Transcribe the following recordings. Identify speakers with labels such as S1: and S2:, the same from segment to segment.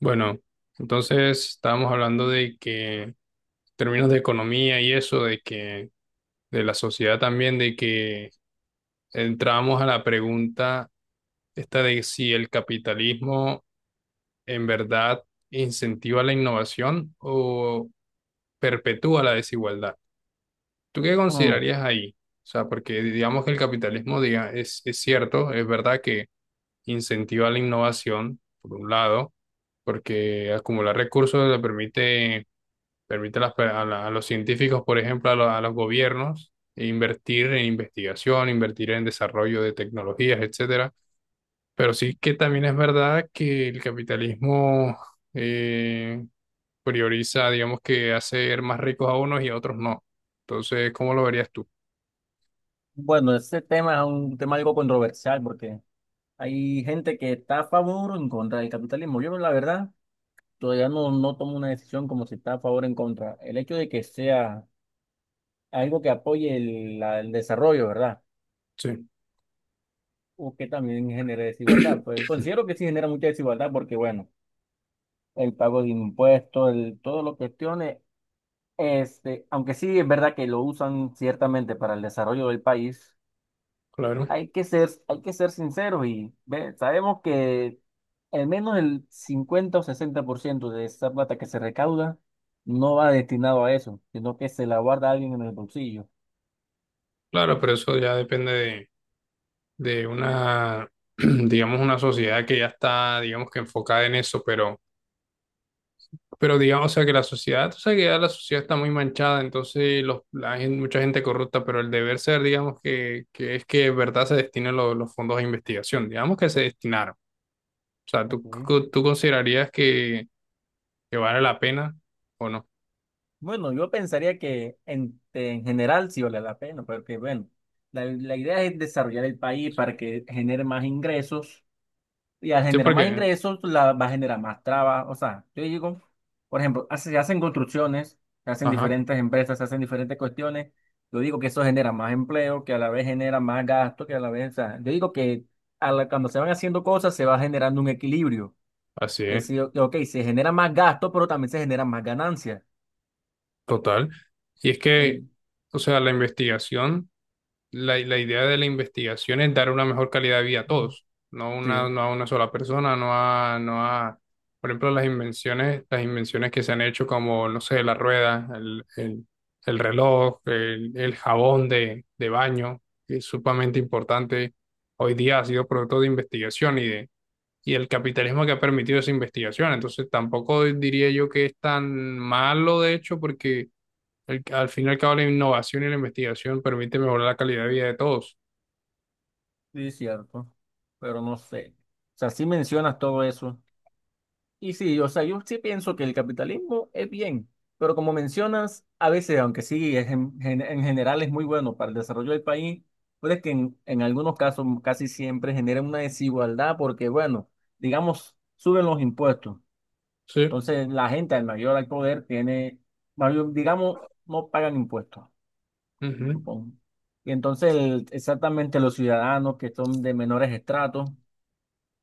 S1: Bueno, entonces estábamos hablando de que en términos de economía y eso, de que de la sociedad también, de que entramos a la pregunta esta de si el capitalismo en verdad incentiva la innovación o perpetúa la desigualdad. ¿Tú qué
S2: Mm,
S1: considerarías ahí? O sea, porque digamos que el capitalismo diga, es cierto, es verdad que incentiva la innovación, por un lado, porque acumular recursos le permite permite a, las per- a la- a los científicos, por ejemplo, a, lo- a los gobiernos, invertir en investigación, invertir en desarrollo de tecnologías, etcétera. Pero sí que también es verdad que el capitalismo eh, prioriza, digamos que hacer más ricos a unos y a otros no. Entonces, ¿cómo lo verías tú?
S2: Bueno, ese tema es un tema algo controversial porque hay gente que está a favor o en contra del capitalismo. Yo, la verdad, todavía no tomo una decisión como si está a favor o en contra. El hecho de que sea algo que apoye el desarrollo, ¿verdad?
S1: Sí,
S2: O que también genere desigualdad. Pues considero que sí genera mucha desigualdad porque, bueno, el pago de impuestos, todo lo que cuestiones, aunque sí es verdad que lo usan ciertamente para el desarrollo del país.
S1: claro.
S2: Hay que ser sinceros y sabemos que al menos el 50 o 60% de esa plata que se recauda no va destinado a eso, sino que se la guarda alguien en el bolsillo.
S1: Claro, pero eso ya depende de una, digamos, una sociedad que ya está, digamos que enfocada en eso, pero... Pero digamos, o sea, que la sociedad, o sea, que ya la sociedad está muy manchada, entonces los, la gen- mucha gente corrupta, pero el deber ser, digamos, que es que de verdad se destinen lo- los fondos de investigación, digamos que se destinaron. O sea, ¿tú,
S2: Ok.
S1: co- tú considerarías que vale la pena o no?
S2: Bueno, yo pensaría que en general sí vale la pena, porque bueno, la idea es desarrollar el país para que genere más ingresos. Y al
S1: Sí,
S2: generar más
S1: porque,
S2: ingresos, pues, va a generar más trabajo. O sea, yo digo, por ejemplo, se hacen construcciones, se hacen
S1: ajá,
S2: diferentes empresas, se hacen diferentes cuestiones. Yo digo que eso genera más empleo, que a la vez genera más gasto, que a la vez, o sea, yo digo que cuando se van haciendo cosas se va generando un equilibrio.
S1: así
S2: Que
S1: es,
S2: sí, ok, se genera más gasto, pero también se generan más ganancias.
S1: total. Y es que,
S2: En-
S1: o sea, la investigación. La idea de la investigación es dar una mejor calidad de vida a
S2: Mm.
S1: todos, no, una,
S2: Sí,
S1: no a una sola persona, no a, no a, por ejemplo, las invenciones que se han hecho como, no sé, la rueda, el reloj, el jabón de baño, que es sumamente importante. Hoy día ha sido producto de investigación y de, y el capitalismo que ha permitido esa investigación. Entonces, tampoco diría yo que es tan malo, de hecho, porque el- al fin y al cabo, la innovación y la investigación permite mejorar la calidad de vida de todos.
S2: sí, es cierto. Pero no sé. O sea, sí mencionas todo eso. Y sí, o sea, yo sí pienso que el capitalismo es bien, pero como mencionas, a veces, aunque sí, es en general es muy bueno para el desarrollo del país, puede que en algunos casos casi siempre genera una desigualdad porque, bueno, digamos, suben los impuestos.
S1: Sí.
S2: Entonces, la gente al mayor al poder tiene, digamos, no pagan impuestos,
S1: Ujú,
S2: supongo. Y entonces, exactamente los ciudadanos que son de menores estratos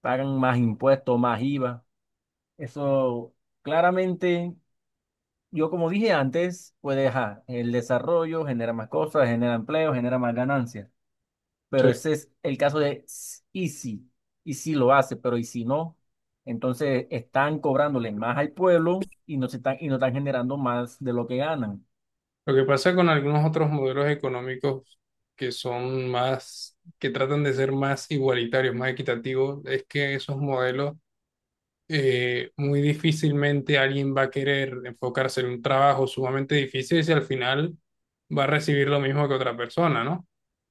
S2: pagan más impuestos, más IVA. Eso claramente. Yo, como dije antes, pues ajá, el desarrollo genera más cosas, genera empleo, genera más ganancias.
S1: sí.
S2: Pero ese es el caso y si lo hace, pero y si no, entonces están cobrándole más al pueblo y y no están generando más de lo que ganan.
S1: Lo que pasa con algunos otros modelos económicos que son más, que tratan de ser más igualitarios, más equitativos, es que esos modelos muy difícilmente alguien va a querer enfocarse en un trabajo sumamente difícil si al final va a recibir lo mismo que otra persona, ¿no?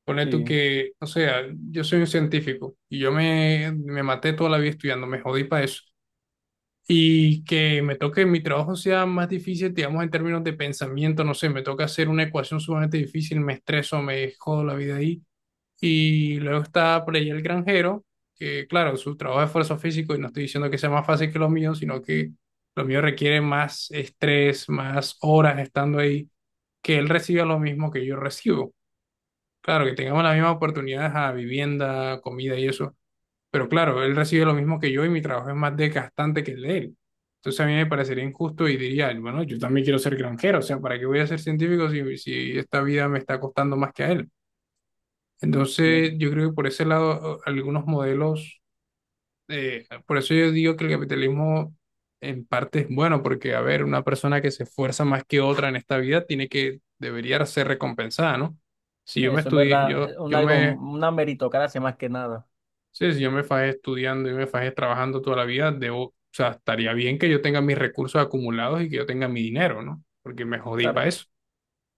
S1: Pone tú
S2: Sí.
S1: que, o sea, yo soy un científico y yo me, me maté toda la vida estudiando, me jodí para eso. Y que me toque mi trabajo sea más difícil, digamos, en términos de pensamiento, no sé, me toca hacer una ecuación sumamente difícil, me estreso, me jodo la vida ahí. Y luego está por ahí el granjero, que claro, su trabajo es esfuerzo físico y no estoy diciendo que sea más fácil que los míos sino que los míos requieren más estrés, más horas estando ahí, que él reciba lo mismo que yo recibo. Claro, que tengamos las mismas oportunidades a vivienda, comida y eso pero claro, él recibe lo mismo que yo y mi trabajo es más desgastante que el de él. Entonces a mí me parecería injusto y diría, bueno, yo también quiero ser granjero, o sea, ¿para qué voy a ser científico si, si esta vida me está costando más que a él? Entonces
S2: Bien,
S1: yo creo que por ese lado a- algunos modelos, por eso yo digo que el capitalismo en parte es bueno, porque a ver, una persona que se esfuerza más que otra en esta vida tiene que, debería ser recompensada, ¿no? Si yo me
S2: eso es
S1: estudié,
S2: verdad,
S1: yo, yo me
S2: una meritocracia más que nada.
S1: Sí, si yo me fajé estudiando y me fajé trabajando toda la vida, debo, o sea, estaría bien que yo tenga mis recursos acumulados y que yo tenga mi dinero, ¿no? Porque me jodí
S2: ¿Sabes?
S1: para eso.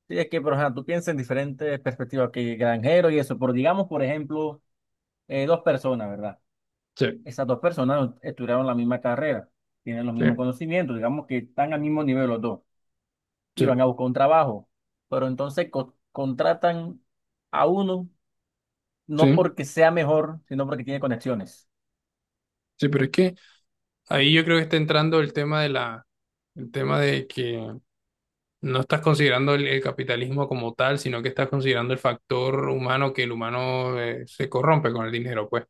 S2: Sí, es que, pero ajá, tú piensas en diferentes perspectivas que granjero y eso, pero digamos, por ejemplo, dos personas, ¿verdad?
S1: Sí,
S2: Esas dos personas no estudiaron la misma carrera, tienen los
S1: sí,
S2: mismos conocimientos, digamos que están al mismo nivel los dos y
S1: sí,
S2: van a buscar un trabajo, pero entonces contratan a uno no
S1: sí,
S2: porque sea mejor, sino porque tiene conexiones.
S1: sí, pero es que ahí yo creo que está entrando el tema de la, el tema de que no estás considerando el capitalismo como tal, sino que estás considerando el factor humano que el humano se corrompe con el dinero, pues.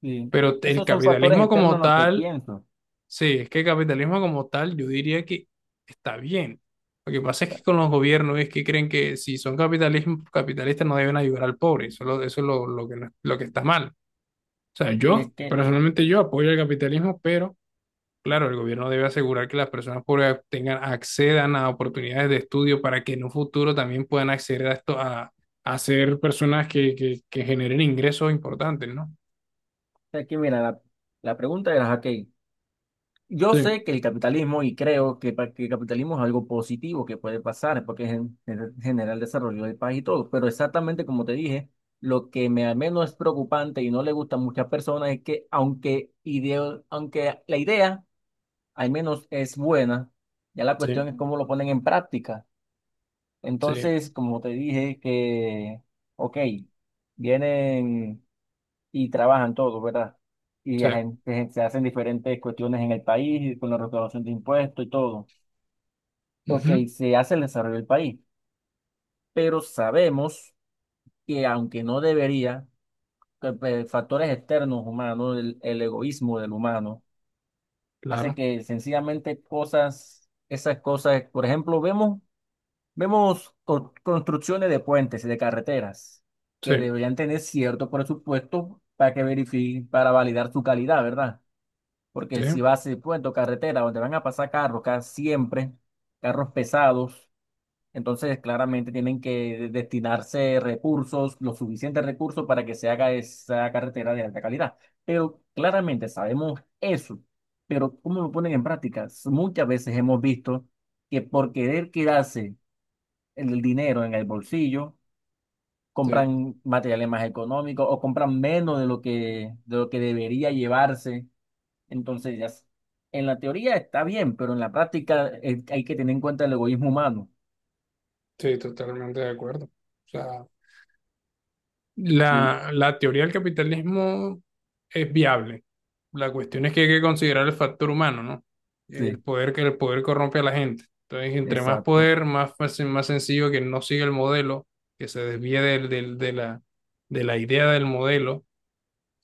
S2: Sí.
S1: Pero
S2: Es que
S1: el
S2: esos son factores
S1: capitalismo
S2: externos
S1: como
S2: en lo que
S1: tal
S2: pienso.
S1: Sí, es que el capitalismo como tal, yo diría que está bien. Lo que pasa es que con los gobiernos es que creen que si son capitalismo, capitalistas no deben ayudar al pobre. Eso es lo que, no- lo que está mal. O sea,
S2: Y
S1: yo,
S2: es que,
S1: personalmente yo apoyo el capitalismo, pero claro, el gobierno debe asegurar que las personas pobres tengan, accedan a oportunidades de estudio para que en un futuro también puedan acceder a esto, a ser personas que generen ingresos importantes, ¿no?
S2: es que mira, la pregunta era, ok. Yo
S1: Sí,
S2: sé que el capitalismo, y creo que, que el capitalismo es algo positivo que puede pasar, porque es en general desarrollo del país y todo, pero exactamente como te dije, lo que me al menos es preocupante y no le gusta a muchas personas es que aunque, aunque la idea al menos es buena, ya la
S1: sí,
S2: cuestión es cómo lo ponen en práctica.
S1: sí,
S2: Entonces, como te dije, que, ok, vienen y trabajan todos, ¿verdad? Y
S1: sí.
S2: se hacen diferentes cuestiones en el país, con la recaudación de impuestos y todo. Ok,
S1: Ujú,
S2: se hace el desarrollo del país, pero sabemos que aunque no debería, que, pues, factores externos humanos, el egoísmo del humano, hace
S1: claro,
S2: que sencillamente cosas, esas cosas, por ejemplo, vemos construcciones de puentes y de carreteras que
S1: sí,
S2: deberían tener cierto presupuesto para que verifiquen, para validar su calidad, ¿verdad?
S1: sí.
S2: Porque si vas a puerto, carretera, donde van a pasar carros, siempre, carros pesados, entonces claramente tienen que destinarse recursos, los suficientes recursos para que se haga esa carretera de alta calidad. Pero claramente sabemos eso, pero ¿cómo lo ponen en práctica? Muchas veces hemos visto que por querer quedarse el dinero en el bolsillo,
S1: Sí,
S2: compran materiales más económicos o compran menos de lo que debería llevarse. Entonces, en la teoría está bien, pero en la práctica hay que tener en cuenta el egoísmo humano.
S1: sí, totalmente de acuerdo. O sea,
S2: Sí,
S1: la teoría del capitalismo es viable. La cuestión es que hay que considerar el factor humano, ¿no? El
S2: sí,
S1: poder que el poder corrompe a la gente. Entonces, entre más
S2: exacto.
S1: poder, más fácil, más sencillo que no siga el modelo, que se desvíe del, del- de la idea del modelo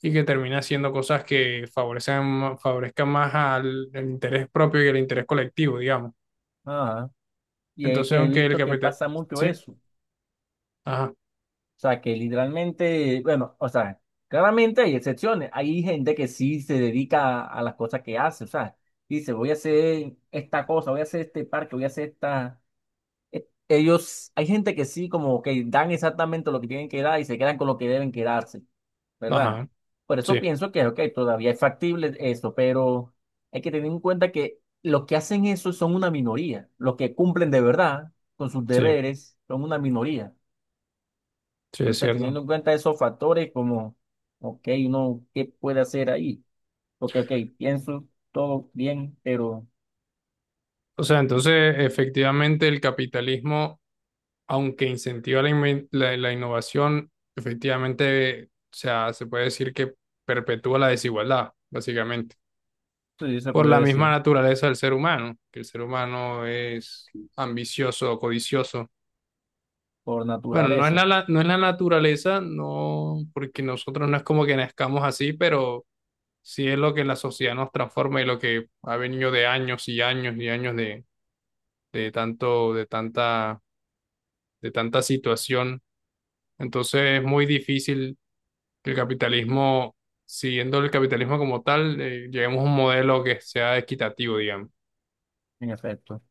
S1: y que termine haciendo cosas que favorecen, favorezcan más al, al interés propio y al interés colectivo, digamos.
S2: Ajá. Y es
S1: Entonces,
S2: que he
S1: aunque el
S2: visto que
S1: capital...
S2: pasa mucho
S1: Sí,
S2: eso. O
S1: ajá,
S2: sea, que literalmente, bueno, o sea, claramente hay excepciones. Hay gente que sí se dedica a las cosas que hace. O sea, dice, voy a hacer esta cosa, voy a hacer este parque, voy a hacer esta. Ellos, hay gente que sí, como que dan exactamente lo que tienen que dar y se quedan con lo que deben quedarse, ¿verdad?
S1: ajá,
S2: Por eso
S1: sí.
S2: pienso que, ok, todavía es factible eso, pero hay que tener en cuenta que los que hacen eso son una minoría. Los que cumplen de verdad con sus
S1: Sí.
S2: deberes son una minoría.
S1: Sí, es
S2: Entonces,
S1: cierto.
S2: teniendo en cuenta esos factores, como, ok, uno, ¿qué puede hacer ahí? Porque, ok, pienso todo bien, pero
S1: O sea, entonces, efectivamente, el capitalismo, aunque incentiva la, inven- la innovación, efectivamente, o sea, se puede decir que perpetúa la desigualdad, básicamente,
S2: sí, se
S1: por
S2: puede
S1: la misma
S2: decir
S1: naturaleza del ser humano, que el ser humano es ambicioso, codicioso.
S2: por
S1: Bueno, no es la,
S2: naturaleza,
S1: la- no es la naturaleza, no, porque nosotros no es como que nazcamos así, pero sí es lo que la sociedad nos transforma y lo que ha venido de años y años y años de tanto, de tanta situación. Entonces es muy difícil que el capitalismo, siguiendo el capitalismo como tal, lleguemos a un modelo que sea equitativo, digamos.
S2: en efecto.